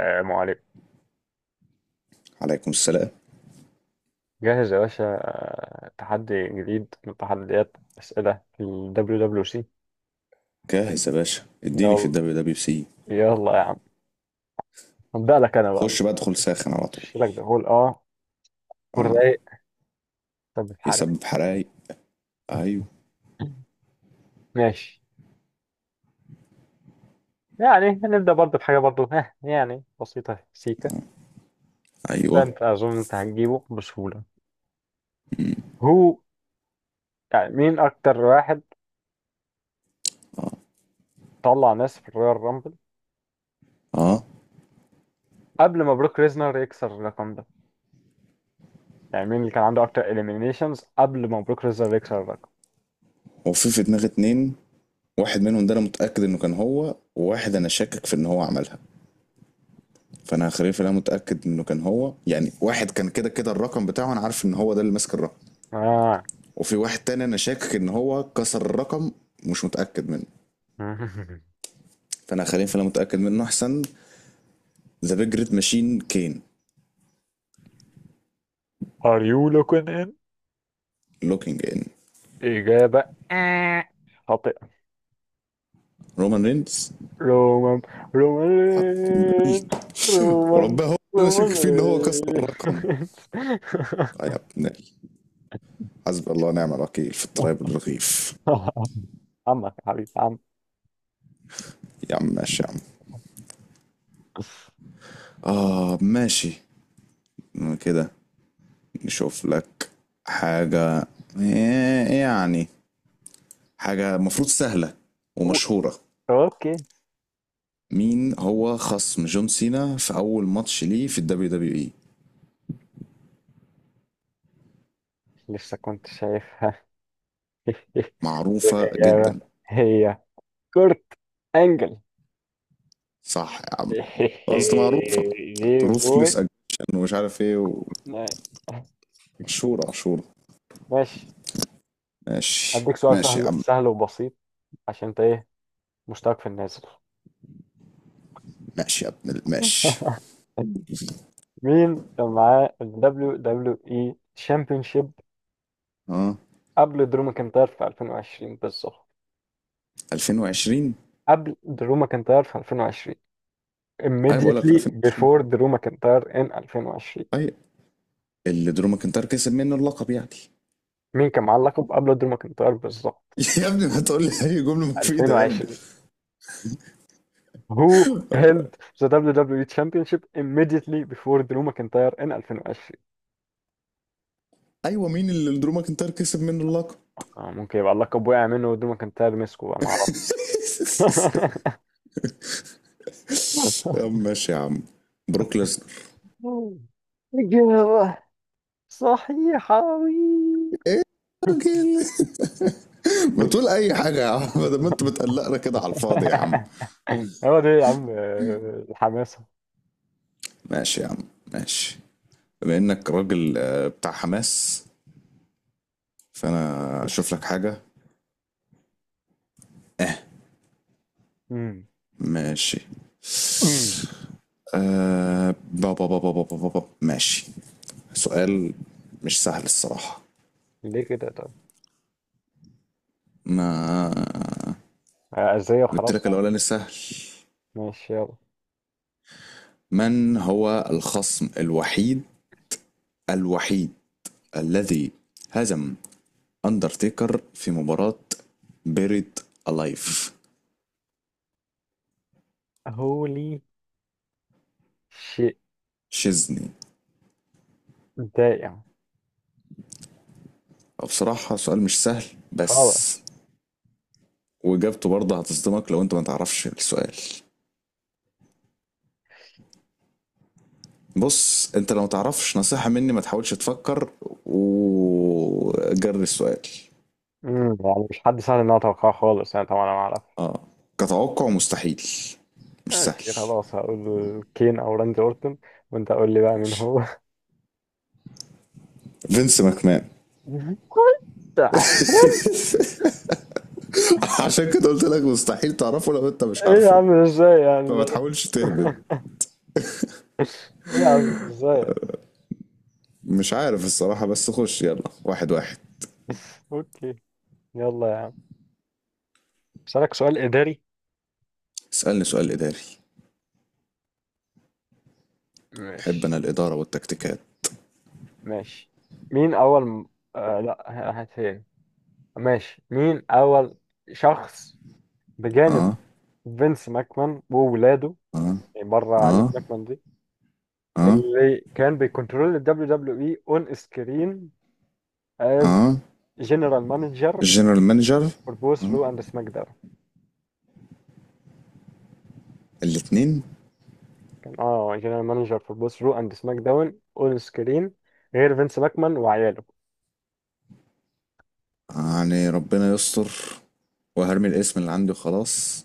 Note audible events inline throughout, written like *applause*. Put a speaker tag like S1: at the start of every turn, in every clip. S1: عليك
S2: عليكم السلام.
S1: جاهز يا باشا، تحدي جديد من تحديات أسئلة في ال WWC.
S2: جاهز يا باشا، اديني في
S1: يلا
S2: الدبليو دبليو سي.
S1: يلا يا عم. هبدأ لك أنا بقى
S2: خش بقى، ادخل ساخن على طول.
S1: شيلك ده هول. أه والرايق. طب الحرق؟
S2: يسبب حرايق. ايوه.
S1: ماشي. يعني هنبدأ برضه بحاجة برضه، ها، يعني بسيطة سيكة.
S2: ايوه.
S1: ده أنت أظن أنت هتجيبه بسهولة. هو يعني مين أكتر واحد طلع ناس في الرويال رامبل
S2: اه،
S1: قبل ما بروك ريزنر يكسر الرقم ده؟ يعني مين اللي كان عنده أكتر إليمينيشنز قبل ما بروك ريزنر يكسر الرقم؟
S2: هو في دماغي اتنين. واحد منهم ده انا متاكد انه كان هو، وواحد انا شاكك في ان هو عملها، فانا هخليها انا متاكد انه كان هو. يعني واحد كان كده كده الرقم بتاعه، انا عارف ان هو ده اللي ماسك الرقم.
S1: آه
S2: وفي واحد تاني انا شاكك ان هو كسر الرقم، مش متاكد منه،
S1: *laughs*
S2: فانا هخليها انا متاكد منه احسن. ذا بيج ريد ماشين كين
S1: Are you looking in؟
S2: لوكينج ان.
S1: إجابة. خاطئة.
S2: رومان رينز
S1: رومان، رومان رينز. رومان،
S2: وربنا هو اللي نشك
S1: رومان
S2: فيه ان هو كسر الرقم.
S1: رينز.
S2: يا ابن ال-، حسبي الله ونعم الوكيل في التراب الرغيف.
S1: *laughs* عمك يا حبيبي عم.
S2: يا عم ماشي يا عم. اه ماشي. كده نشوف لك حاجة. يعني حاجة مفروض سهلة
S1: أو-
S2: ومشهورة.
S1: أوكي.
S2: مين هو خصم جون سينا في أول ماتش ليه في الدبليو دبليو إي؟
S1: لسه كنت شايفها. *laughs*
S2: معروفة
S1: والإجابة
S2: جدا.
S1: هي كورت أنجل.
S2: صح يا عم. أصل معروفة،
S1: *laughs* دي
S2: روثلس
S1: بوي.
S2: أجيشن ومش عارف إيه، ومشهورة مشهورة.
S1: ماشي.
S2: ماشي
S1: هديك سؤال
S2: ماشي يا
S1: سهل
S2: عم.
S1: سهل وبسيط عشان انت ايه، مشترك في النازل.
S2: ماشي يا ابن ال-، ماشي.
S1: *laughs* مين كان معاه ال WWE Championship
S2: اه.
S1: قبل درو ماكنتاير في 2020 بالظبط؟
S2: 2020.
S1: قبل درو ماكنتاير في 2020.
S2: ايوه، بقول لك في
S1: Immediately
S2: 2020.
S1: before درو ماكنتاير in 2020.
S2: طيب، اللي درو ماكنتاير كسب منه اللقب يعني.
S1: مين كان معاه اللقب قبل درو ماكنتاير بالظبط
S2: *laughs* يا ابني ما تقول لي اي جمله مفيده يا ابني.
S1: 2020؟ Who held
S2: هو-.
S1: the WWE Championship immediately before درو ماكنتاير in 2020؟
S2: ايوه، مين اللي درو ماكنتاير كسب منه اللقب.
S1: ممكن يبقى اللقب وقع منه ودرو ماكنتاير مسكه بقى، ما اعرف.
S2: *laughs* يا
S1: *laughs*
S2: عم ماشي يا عم. بروك ليسنر.
S1: مم. إجابة صحيحة. *laughs* وي.
S2: راجل. *laughs* ما تقول اي حاجه يا عم، ده ما انت بتقلقنا كده على الفاضي يا عم.
S1: هو ده يا عم، الحماسة.
S2: ماشي يا عم ماشي. بما انك راجل بتاع حماس، فانا اشوف لك حاجه. اه،
S1: مم.
S2: ماشي.
S1: مم.
S2: آه، بابا بابا بابا بابا، ماشي. سؤال مش سهل الصراحة.
S1: ليه كده طب؟
S2: ما
S1: أزاي
S2: جبت
S1: وخلاص.
S2: لك الأولاني سهل.
S1: ماشي، يلا.
S2: من هو الخصم الوحيد، الوحيد، الذي هزم أندرتيكر في مباراة بيريد ألايف؟
S1: هولي شيء
S2: شيزني.
S1: دائم.
S2: هو بصراحة سؤال مش سهل،
S1: خلاص.
S2: بس وإجابته برضه هتصدمك لو أنت ما تعرفش السؤال. بص، انت لو متعرفش نصيحة مني، ما تحاولش تفكر وجرب السؤال.
S1: مم. يعني مش حد سهل إن أنا أتوقعه خالص، أنا طبعا أنا ما أعرف.
S2: اه، كتوقع مستحيل، مش سهل.
S1: ماشي خلاص، هقول كين أو راندي أورتون، وأنت قول لي بقى مين
S2: ماشي.
S1: هو.
S2: فينس ماكمان.
S1: *laughs* كنت عين.
S2: *laughs* عشان كده قلت لك مستحيل تعرفه لو انت مش
S1: إيه يا
S2: عارفه،
S1: عم، إزاي يعني
S2: فما
S1: ده؟
S2: تحاولش تهبد.
S1: *laughs* *laughs* ايه يا عم، ازاي؟
S2: مش عارف الصراحة، بس خش يلا واحد واحد.
S1: *laughs* اوكي. يلا يا عم، اسالك سؤال اداري؟
S2: اسألني سؤال إداري. أحب أنا
S1: ماشي،
S2: الإدارة والتكتيكات.
S1: ماشي. مين اول م... آه لا، هات هي. ماشي. مين اول شخص بجانب
S2: اه.
S1: فينس ماكمان وولاده، يعني بره عائلة
S2: اه.
S1: ماكمان دي،
S2: اه.
S1: اللي كان بيكنترول ال WWE اون سكرين از
S2: اه.
S1: جنرال مانجر
S2: الجنرال مانجر.
S1: فور بوث رو اند سماك داون؟
S2: الاتنين.
S1: كان جنرال مانجر فور بوث رو اند سماك داون اون سكرين غير فينس ماكمان وعياله.
S2: يعني ربنا يستر، وهرمي الاسم اللي عندي وخلاص.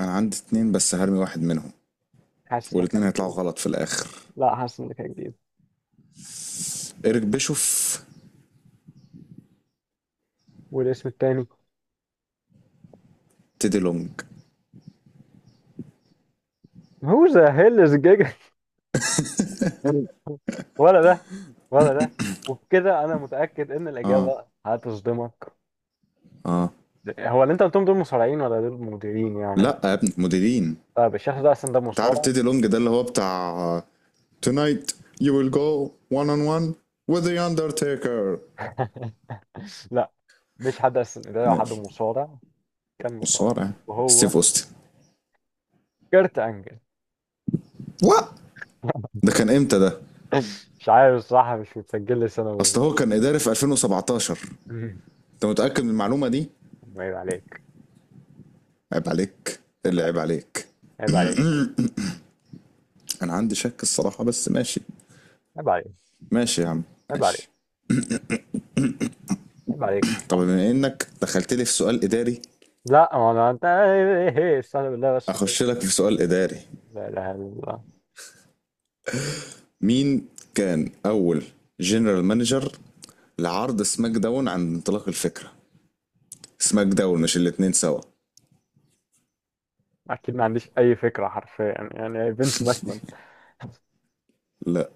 S2: انا عندي اتنين بس، هرمي واحد منهم.
S1: حاسس انك
S2: والاتنين هيطلعوا
S1: هتجيبه.
S2: غلط في الاخر.
S1: لا، حاسس انك هتجيبه.
S2: ايريك بيشوف.
S1: والاسم التاني
S2: تيدي لونج.
S1: هو ذا هيل از جيجا؟ *laughs* ولا ده، ولا ده. وبكده انا متاكد ان الاجابه هتصدمك.
S2: اه.
S1: هو اللي انت قلتهم دول مصارعين ولا دول مديرين يعني؟
S2: لا يا ابني، مديرين.
S1: طيب الشخص ده اصلا ده
S2: انت عارف
S1: مصارع؟
S2: تيدي لونج ده اللي هو بتاع Tonight you will go one on one with the Undertaker.
S1: *laughs* لا، مش حد، اصلا ده حد
S2: ماشي.
S1: مصارع. كان مصارع.
S2: مصارع.
S1: وهو
S2: ستيف اوستن.
S1: كرت انجل.
S2: وا.
S1: *laughs*
S2: ده كان امتى ده؟
S1: مش عارف الصراحه، مش متسجل لي سنه
S2: اصل
S1: بالظبط.
S2: هو كان اداري في 2017.
S1: *laughs*
S2: انت متأكد من المعلومة دي؟
S1: عيب عليك.
S2: عيب عليك.
S1: عيب
S2: اللي عيب
S1: عليك.
S2: عليك.
S1: عيب عليك.
S2: انا عندي شك الصراحة بس ماشي.
S1: عيب عليك.
S2: ماشي يا عم
S1: عيب عليك.
S2: ماشي.
S1: عيب عليك
S2: طب
S1: الصراحه.
S2: بما انك دخلت لي في سؤال اداري،
S1: لا ما انا، انت ايه إيه، إيه، استهلا بالله بس كده.
S2: اخش لك في سؤال اداري.
S1: لا اله الا الله.
S2: مين كان اول جنرال مانجر لعرض سماك داون عند انطلاق الفكرة؟ سماك داون، مش الاتنين سوا.
S1: اكيد ما عنديش اي فكره حرفيا، يعني فينس ماكمان،
S2: لا،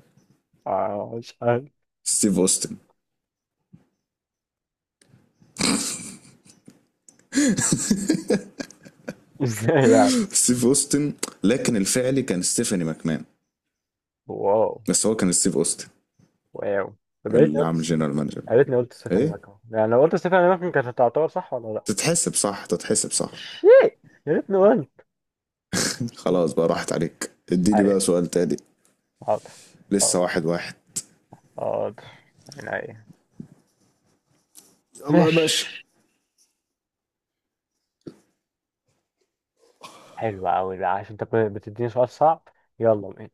S1: مش عارف.
S2: ستيف اوستن.
S1: *laughs* ازاي يعني؟
S2: *laughs* ستيف اوستن. لكن الفعلي كان ستيفاني ماكمان،
S1: واو
S2: بس هو كان ستيف اوستن
S1: واو. طب
S2: اللي عامل جنرال مانجر.
S1: يا ريتني قلت ستيفاني
S2: ايه،
S1: ماكمان. يعني لو قلت ستيفاني ماكمان كانت هتعتبر صح ولا لا؟
S2: تتحسب صح، تتحسب صح.
S1: شيء. يا ريتني قلت.
S2: خلاص بقى، راحت عليك، اديني
S1: اي،
S2: بقى سؤال تاني.
S1: حاضر،
S2: لسه
S1: حاضر،
S2: واحد واحد.
S1: حاضر. يعني اي،
S2: الله يا باشا.
S1: ماشي. حلو قوي بقى عشان انت بتديني سؤال صعب. يلا بينا.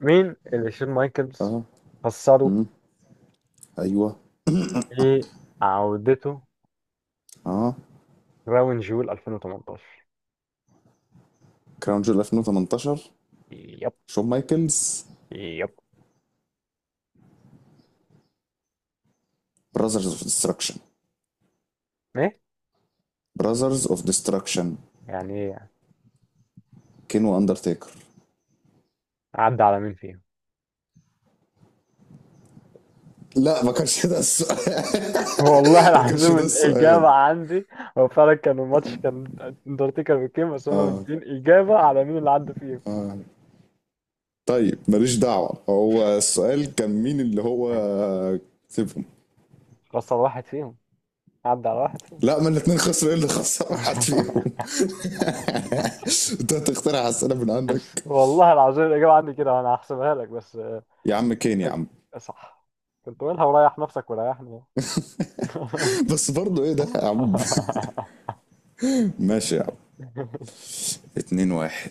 S1: مين اللي شون مايكلز خسره
S2: ايوه.
S1: ايه عودته
S2: اه.
S1: راون جول 2018؟
S2: كراون جول 2018.
S1: يب،
S2: شون مايكلز.
S1: يب.
S2: براذرز اوف ديستركشن.
S1: ايه
S2: براذرز اوف ديستركشن.
S1: يعني ايه؟
S2: كين واندرتيكر.
S1: عدى على مين فيهم؟
S2: لا، ما كانش ده السؤال.
S1: *laughs* والله
S2: *laughs* ما كانش
S1: العظيم،
S2: ده السؤال.
S1: الإجابة عندي. هو فعلا كان الماتش، كان اندرتيكر بكام، بس هما مدين إجابة على مين اللي عدى فيهم.
S2: طيب ماليش دعوه، هو السؤال كان مين اللي هو كسبهم.
S1: خسر واحد فيهم. عدى على واحد فيهم.
S2: لا، ما الاثنين خسروا، ايه اللي خسر واحد
S1: *laughs*
S2: فيهم؟ *laughs* انت هتخترع اسئله من عندك.
S1: والله العظيم، الإجابة عندي كده وأنا هحسبها لك، بس
S2: يا عم كين يا عم.
S1: صح. كنت قولها وريح نفسك وريحني.
S2: بس برضه ايه ده يا عم.
S1: *laughs*
S2: *laughs* ماشي يا عم. 2 1.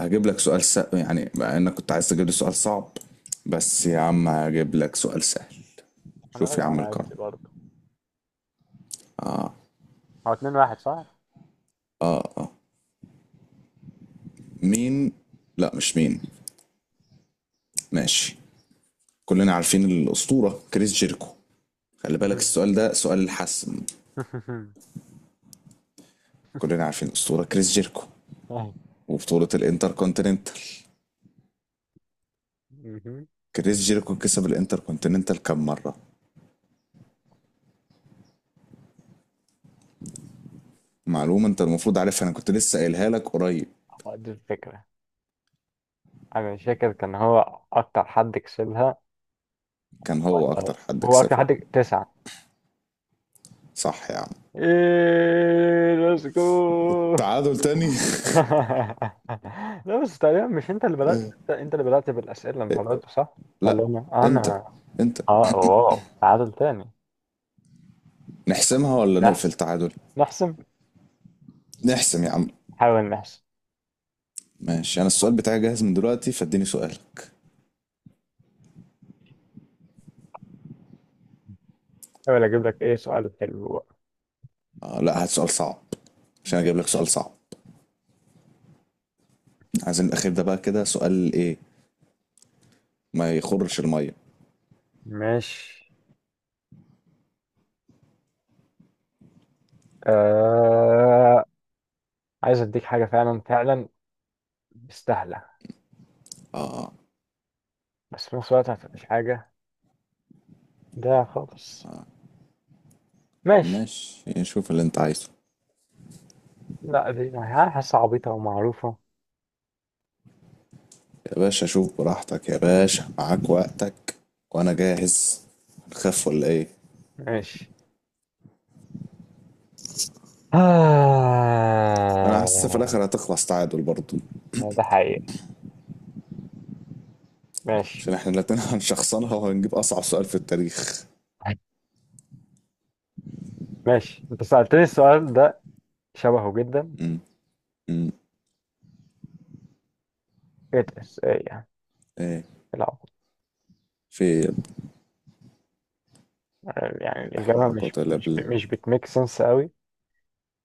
S2: هجيب لك سؤال س...، يعني مع انك كنت عايز تجيب لي سؤال صعب، بس يا عم هجيب لك سؤال سهل.
S1: أنا
S2: شوف يا
S1: راجع
S2: عم
S1: على
S2: الكرم.
S1: قدي برضه. هو 2-1 صح؟
S2: مين؟ لا، مش مين. ماشي. كلنا عارفين الأسطورة كريس جيركو. خلي بالك،
S1: مهم.
S2: السؤال ده سؤال الحسم.
S1: *laughs*
S2: كلنا عارفين الأسطورة كريس جيركو
S1: أيوة.
S2: وبطولة الانتر كونتيننتال.
S1: مهم.
S2: كريس جيركو كسب الانتر كونتيننتال كام مرة؟ معلومة انت المفروض عارفها، انا كنت لسه قايلها لك قريب.
S1: هو دي الفكرة. أنا مش فاكر كان هو أكتر حد كسبها
S2: كان هو
S1: ولا لأ.
S2: اكتر حد
S1: هو أكتر
S2: كسبها.
S1: حد، تسعة.
S2: صح يا عم.
S1: إيه، ليتس جو.
S2: تعادل تاني.
S1: *laughs* لا بس تقريبا، مش أنت اللي بدأت؟ أنت اللي بدأت بالأسئلة المرة دي صح؟
S2: لا،
S1: ولا أنا؟
S2: انت،
S1: أنا.
S2: انت.
S1: أه واو، تعادل تاني.
S2: نحسمها ولا نقفل
S1: نحسم.
S2: تعادل؟
S1: نحسم.
S2: نحسم يا عم.
S1: نحاول نحسم.
S2: ماشي، انا السؤال بتاعي جاهز من دلوقتي، فاديني سؤالك.
S1: حاول أجيب لك إيه سؤال حلو بقى.
S2: آه لا، هات سؤال صعب عشان اجيب لك
S1: ماشي.
S2: سؤال صعب. عايزين الاخير ده بقى كده سؤال ايه، ما يخرش الميه.
S1: ماشي. آه... عايز اديك حاجه فعلا فعلا مستاهله، بس في نفس الوقت ما تبقاش حاجه ده خالص. ماشي.
S2: ماشي، شوف اللي انت عايزه.
S1: لا، دي حاسه عبيطه ومعروفه.
S2: يا باشا شوف براحتك يا باشا، معاك وقتك وانا جاهز. هنخاف ولا ايه؟
S1: ماشي.
S2: انا حاسس في الاخر
S1: آه،
S2: هتخلص تعادل برضه،
S1: ده حقيقي. ماشي.
S2: عشان احنا الاتنين *laughs* هنشخصنها وهنجيب اصعب سؤال في التاريخ.
S1: ماشي انت سألتني السؤال ده، شبهه جدا.
S2: امم امم
S1: ايه ده؟ إيه يعني؟
S2: ايه؟
S1: لا.
S2: في.
S1: يعني
S2: لا حول
S1: الإجابة
S2: ولا قوة
S1: مش
S2: إلا بالله.
S1: بتميك سنس قوي.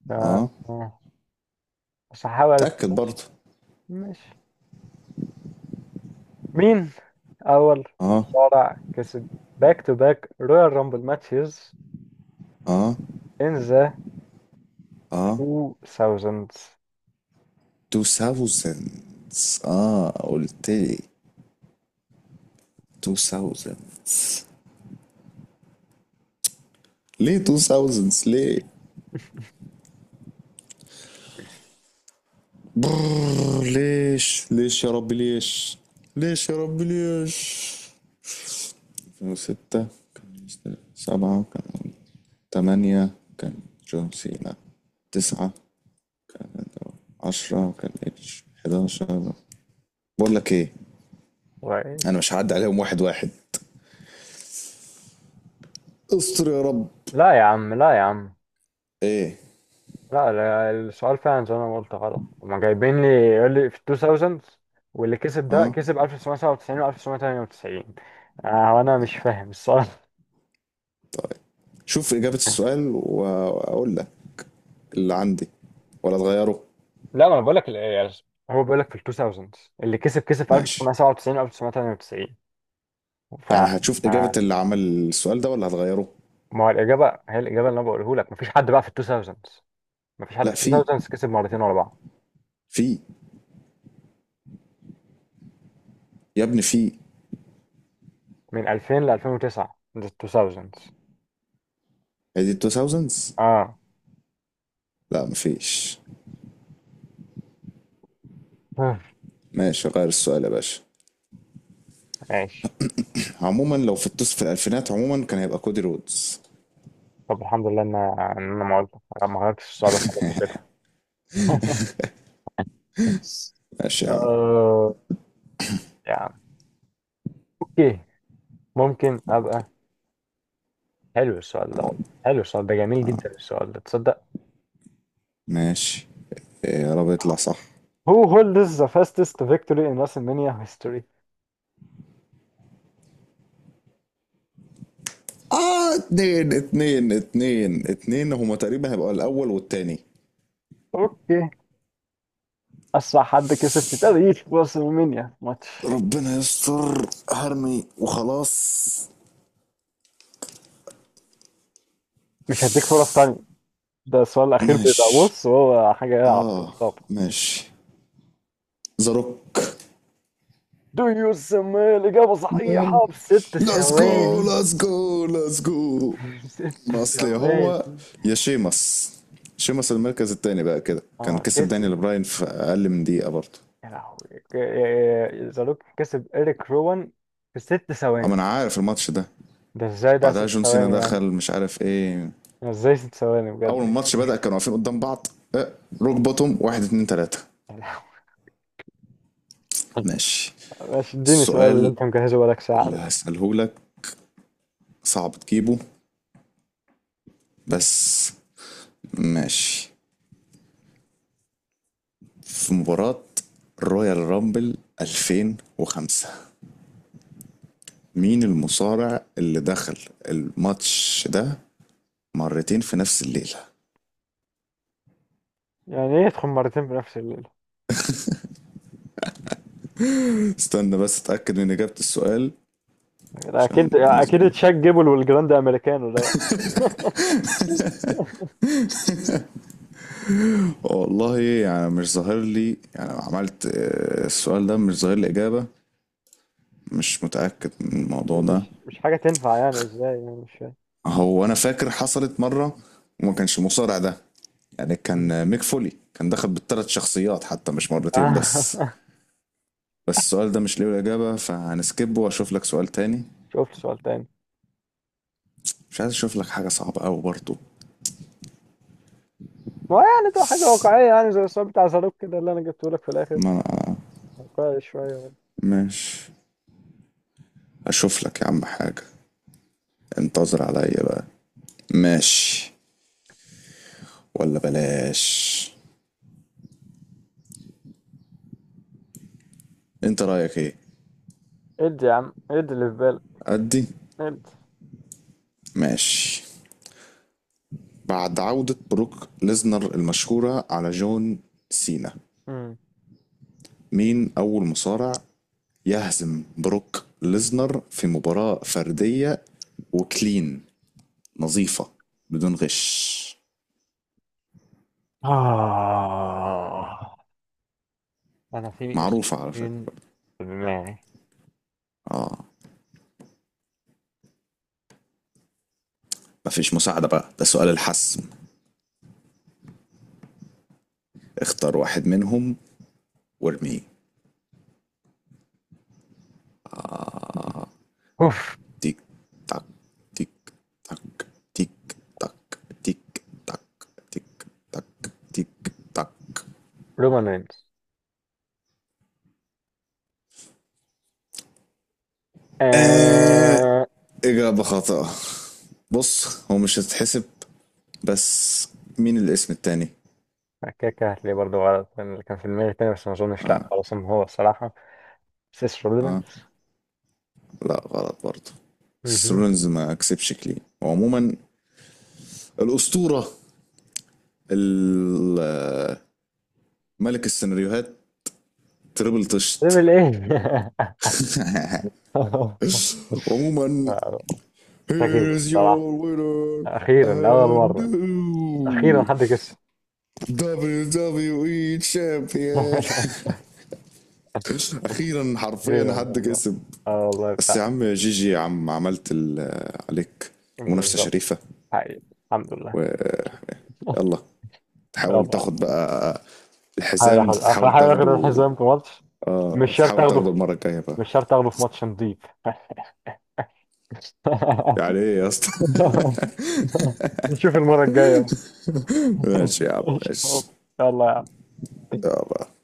S1: ف،
S2: اه،
S1: بس هحاول
S2: تأكد
S1: ماشي.
S2: برضه.
S1: ماشي. مين أول
S2: اه.
S1: مصارع كسب باك تو باك رويال رامبل ماتشز
S2: اه.
S1: in the
S2: اه.
S1: 2000s؟
S2: 2000. اه قلت لي 2000. ليه 2000 ليه؟ برر، ليش ليش يا ربي ليش؟ ليش يا ربي ليش؟ 2006 كان، 7 كان، 8 كان جون سينا، 9، 10 كان اتش، 11. بقول لك ايه،
S1: Right.
S2: انا مش هعدي عليهم واحد واحد. استر يا رب.
S1: لا يا عم، لا يا عم.
S2: ايه.
S1: لا، لا، السؤال فعلا زي ما أنا قلت غلط، هما جايبين لي يقول لي في 2000s واللي كسب ده
S2: اه،
S1: كسب 1997 و 1998. وأنا مش فاهم السؤال. *laughs*
S2: شوف إجابة السؤال وأقول لك اللي عندي ولا تغيره.
S1: لا، ما انا بقول لك هو بيقول لك في ال 2000s اللي كسب في
S2: ماشي،
S1: 1997 و 1998. ف،
S2: يعني هتشوف إجابة
S1: آه،
S2: اللي عمل السؤال ده ولا هتغيره.
S1: ما هو الإجابة هي الإجابة اللي أنا بقوله لك، مفيش حد بقى في ال 2000s، مفيش حد
S2: لا
S1: في ال
S2: في.
S1: 2000s كسب مرتين ورا بعض.
S2: في يا ابني، في.
S1: من 2000 ل 2009 ده ال 2000s.
S2: هي دي 2000s.
S1: آه.
S2: لا، مفيش.
S1: آه،
S2: ماشي، غير السؤال يا باشا.
S1: ماشي.
S2: عموما، لو في التصف في الألفينات عموما كان هيبقى كودي رودز.
S1: طب الحمد لله إن أنا ما قلت، ما غيرتش السؤال خالص وكده. *laughs*
S2: ماشي يا عم
S1: آه يعني أوكي، ممكن أبقى. حلو السؤال ده والله، حلو السؤال ده، جميل جدا السؤال ده، تصدق؟
S2: ماشي. إيه يا رب يطلع صح.
S1: Who holds the fastest victory in WrestleMania history؟
S2: اه اتنين اتنين اتنين اتنين، هما تقريبا هيبقوا الأول والتاني.
S1: أوكي. أسرع حد كسب في تاريخ WrestleMania ماتش.
S2: ربنا يستر، هرمي وخلاص.
S1: مش هديك فرص تانية. ده السؤال الأخير، بيبقى
S2: ماشي.
S1: بص هو حاجة إيه، على
S2: اه
S1: الطبطاب.
S2: ماشي. ذا روك.
S1: Do you smell إجابة صحيحة بست
S2: ليتس جو
S1: ثواني
S2: ليتس جو ليتس جو.
S1: *laughs* ست
S2: ما اصل يا
S1: ثواني
S2: هو، يا شيمس. شيمس المركز التاني بقى كده، كان
S1: اه،
S2: كسب
S1: كسب
S2: دانيال براين في اقل من دقيقه برضه.
S1: يا لهوي، زالوك كسب إيريك روان في ست
S2: اما
S1: ثواني
S2: انا عارف الماتش ده.
S1: ده ازاي ده
S2: بعدها
S1: ست
S2: جون سينا
S1: ثواني
S2: دخل
S1: يعني؟
S2: مش عارف ايه.
S1: أنا ازاي 6 ثواني
S2: اول
S1: بجد؟
S2: ما الماتش بدا كانوا واقفين قدام بعض. اه، روك بوتوم، واحد اتنين تلاته.
S1: يا لهوي.
S2: ماشي.
S1: ماشي، اديني سؤال اللي
S2: السؤال
S1: انت مجهزه بقالك ساعة
S2: اللي
S1: ده.
S2: هسأله لك صعب تجيبه، بس ماشي. في مباراة رويال رامبل 2005، مين المصارع اللي دخل الماتش ده مرتين في نفس الليلة؟
S1: يعني ايه يدخل مرتين في نفس الليلة؟
S2: استنى بس اتأكد من إجابة السؤال
S1: ده
S2: عشان
S1: اكيد
S2: ما
S1: اكيد
S2: نظلمها.
S1: تشاك جيبل والجراند امريكانو ده بقى.
S2: والله يعني مش ظاهر لي، يعني عملت السؤال ده مش ظاهر لي إجابة، مش متأكد من الموضوع ده.
S1: مش حاجة تنفع. يعني ازاي يعني؟ مش
S2: هو أنا فاكر حصلت مرة وما كانش المصارع ده، يعني
S1: فاهم
S2: كان ميك فولي كان دخل بالثلاث شخصيات حتى، مش مرتين
S1: آه.
S2: بس.
S1: *laughs*
S2: بس السؤال ده مش ليه الإجابة، فهنسكبه وأشوف لك سؤال تاني.
S1: شفت سؤال تاني.
S2: مش عايز أشوف لك حاجة صعبة أوي برضو.
S1: ما هو يعني تبقى حاجة واقعية، يعني زي السؤال بتاع صاروخ كده اللي أنا جبته لك في الآخر.
S2: ما
S1: واقعي شوية.
S2: ماشي، أشوف لك يا عم حاجة. انتظر عليا بقى. ماشي. ولا بلاش، انت رأيك ايه؟
S1: ادي يا عم، ادي اللي في بالك.
S2: أدي.
S1: ادي.
S2: ماشي. بعد عودة بروك ليزنر المشهورة على جون سينا،
S1: مم.
S2: مين أول مصارع يهزم بروك ليزنر في مباراة فردية وكلين، نظيفة بدون غش؟
S1: آه أنا في
S2: معروفة على فكرة.
S1: اسمين في دماغي.
S2: اه. مفيش مساعدة بقى، ده سؤال الحسم. اختار واحد منهم وارميه.
S1: أوف.
S2: تيك تاك تيك تاك تيك تاك تيك تاك تيك تاك تيك تاك.
S1: رومان رينز.
S2: آه
S1: آه
S2: إجابة خاطئة. بص هو مش هتتحسب، بس مين الاسم التاني؟
S1: كده كده هتلاقيه برضه غلط، لأن اللي كان في دماغي تاني، بس ما أظنش، لأ خلاص إن هو الصراحة سيس رولينز.
S2: اه. لا، غلط برضه.
S1: مهم.
S2: سيسرونز ما كسبش كلين. وعموما الأسطورة، ال-، ملك السيناريوهات، تريبل طشت.
S1: ليفل إيه؟ *laughs* آه،
S2: *laughs*
S1: مش.
S2: عموما.
S1: هجيبه
S2: here's
S1: الصراحة.
S2: your winner
S1: اخيرا اول
S2: and
S1: مره. اخيرا
S2: new
S1: حد كسب.
S2: WWE champion.
S1: *laughs*
S2: *laughs* اخيرا، حرفيا
S1: اخيرا
S2: حد
S1: والله.
S2: كسب.
S1: اه والله،
S2: بس يا
S1: لا.
S2: عم، يا جيجي يا عم، عملت ال- عليك منافسه
S1: بالظبط.
S2: شريفه.
S1: حقيقي. الحمد لله.
S2: ويلا،
S1: *laughs*
S2: تحاول
S1: يلا.
S2: تاخد بقى
S1: هحاول
S2: الحزام،
S1: اخد.
S2: تحاول
S1: هحاول اخد
S2: تاخده.
S1: الحزام في ماتش. مش
S2: اه،
S1: شرط
S2: تحاول
S1: اخده
S2: تاخده
S1: في...
S2: المره الجايه بقى.
S1: مش شرط اخده في ماتش نضيف. *laughs*
S2: يعني ايه يا اسطى؟
S1: نشوف المره الجايه. *laughs*
S2: *laughs* ماشي يا عم
S1: إن شاء الله.
S2: ماشي.
S1: يلا يا عم.
S2: يا الله.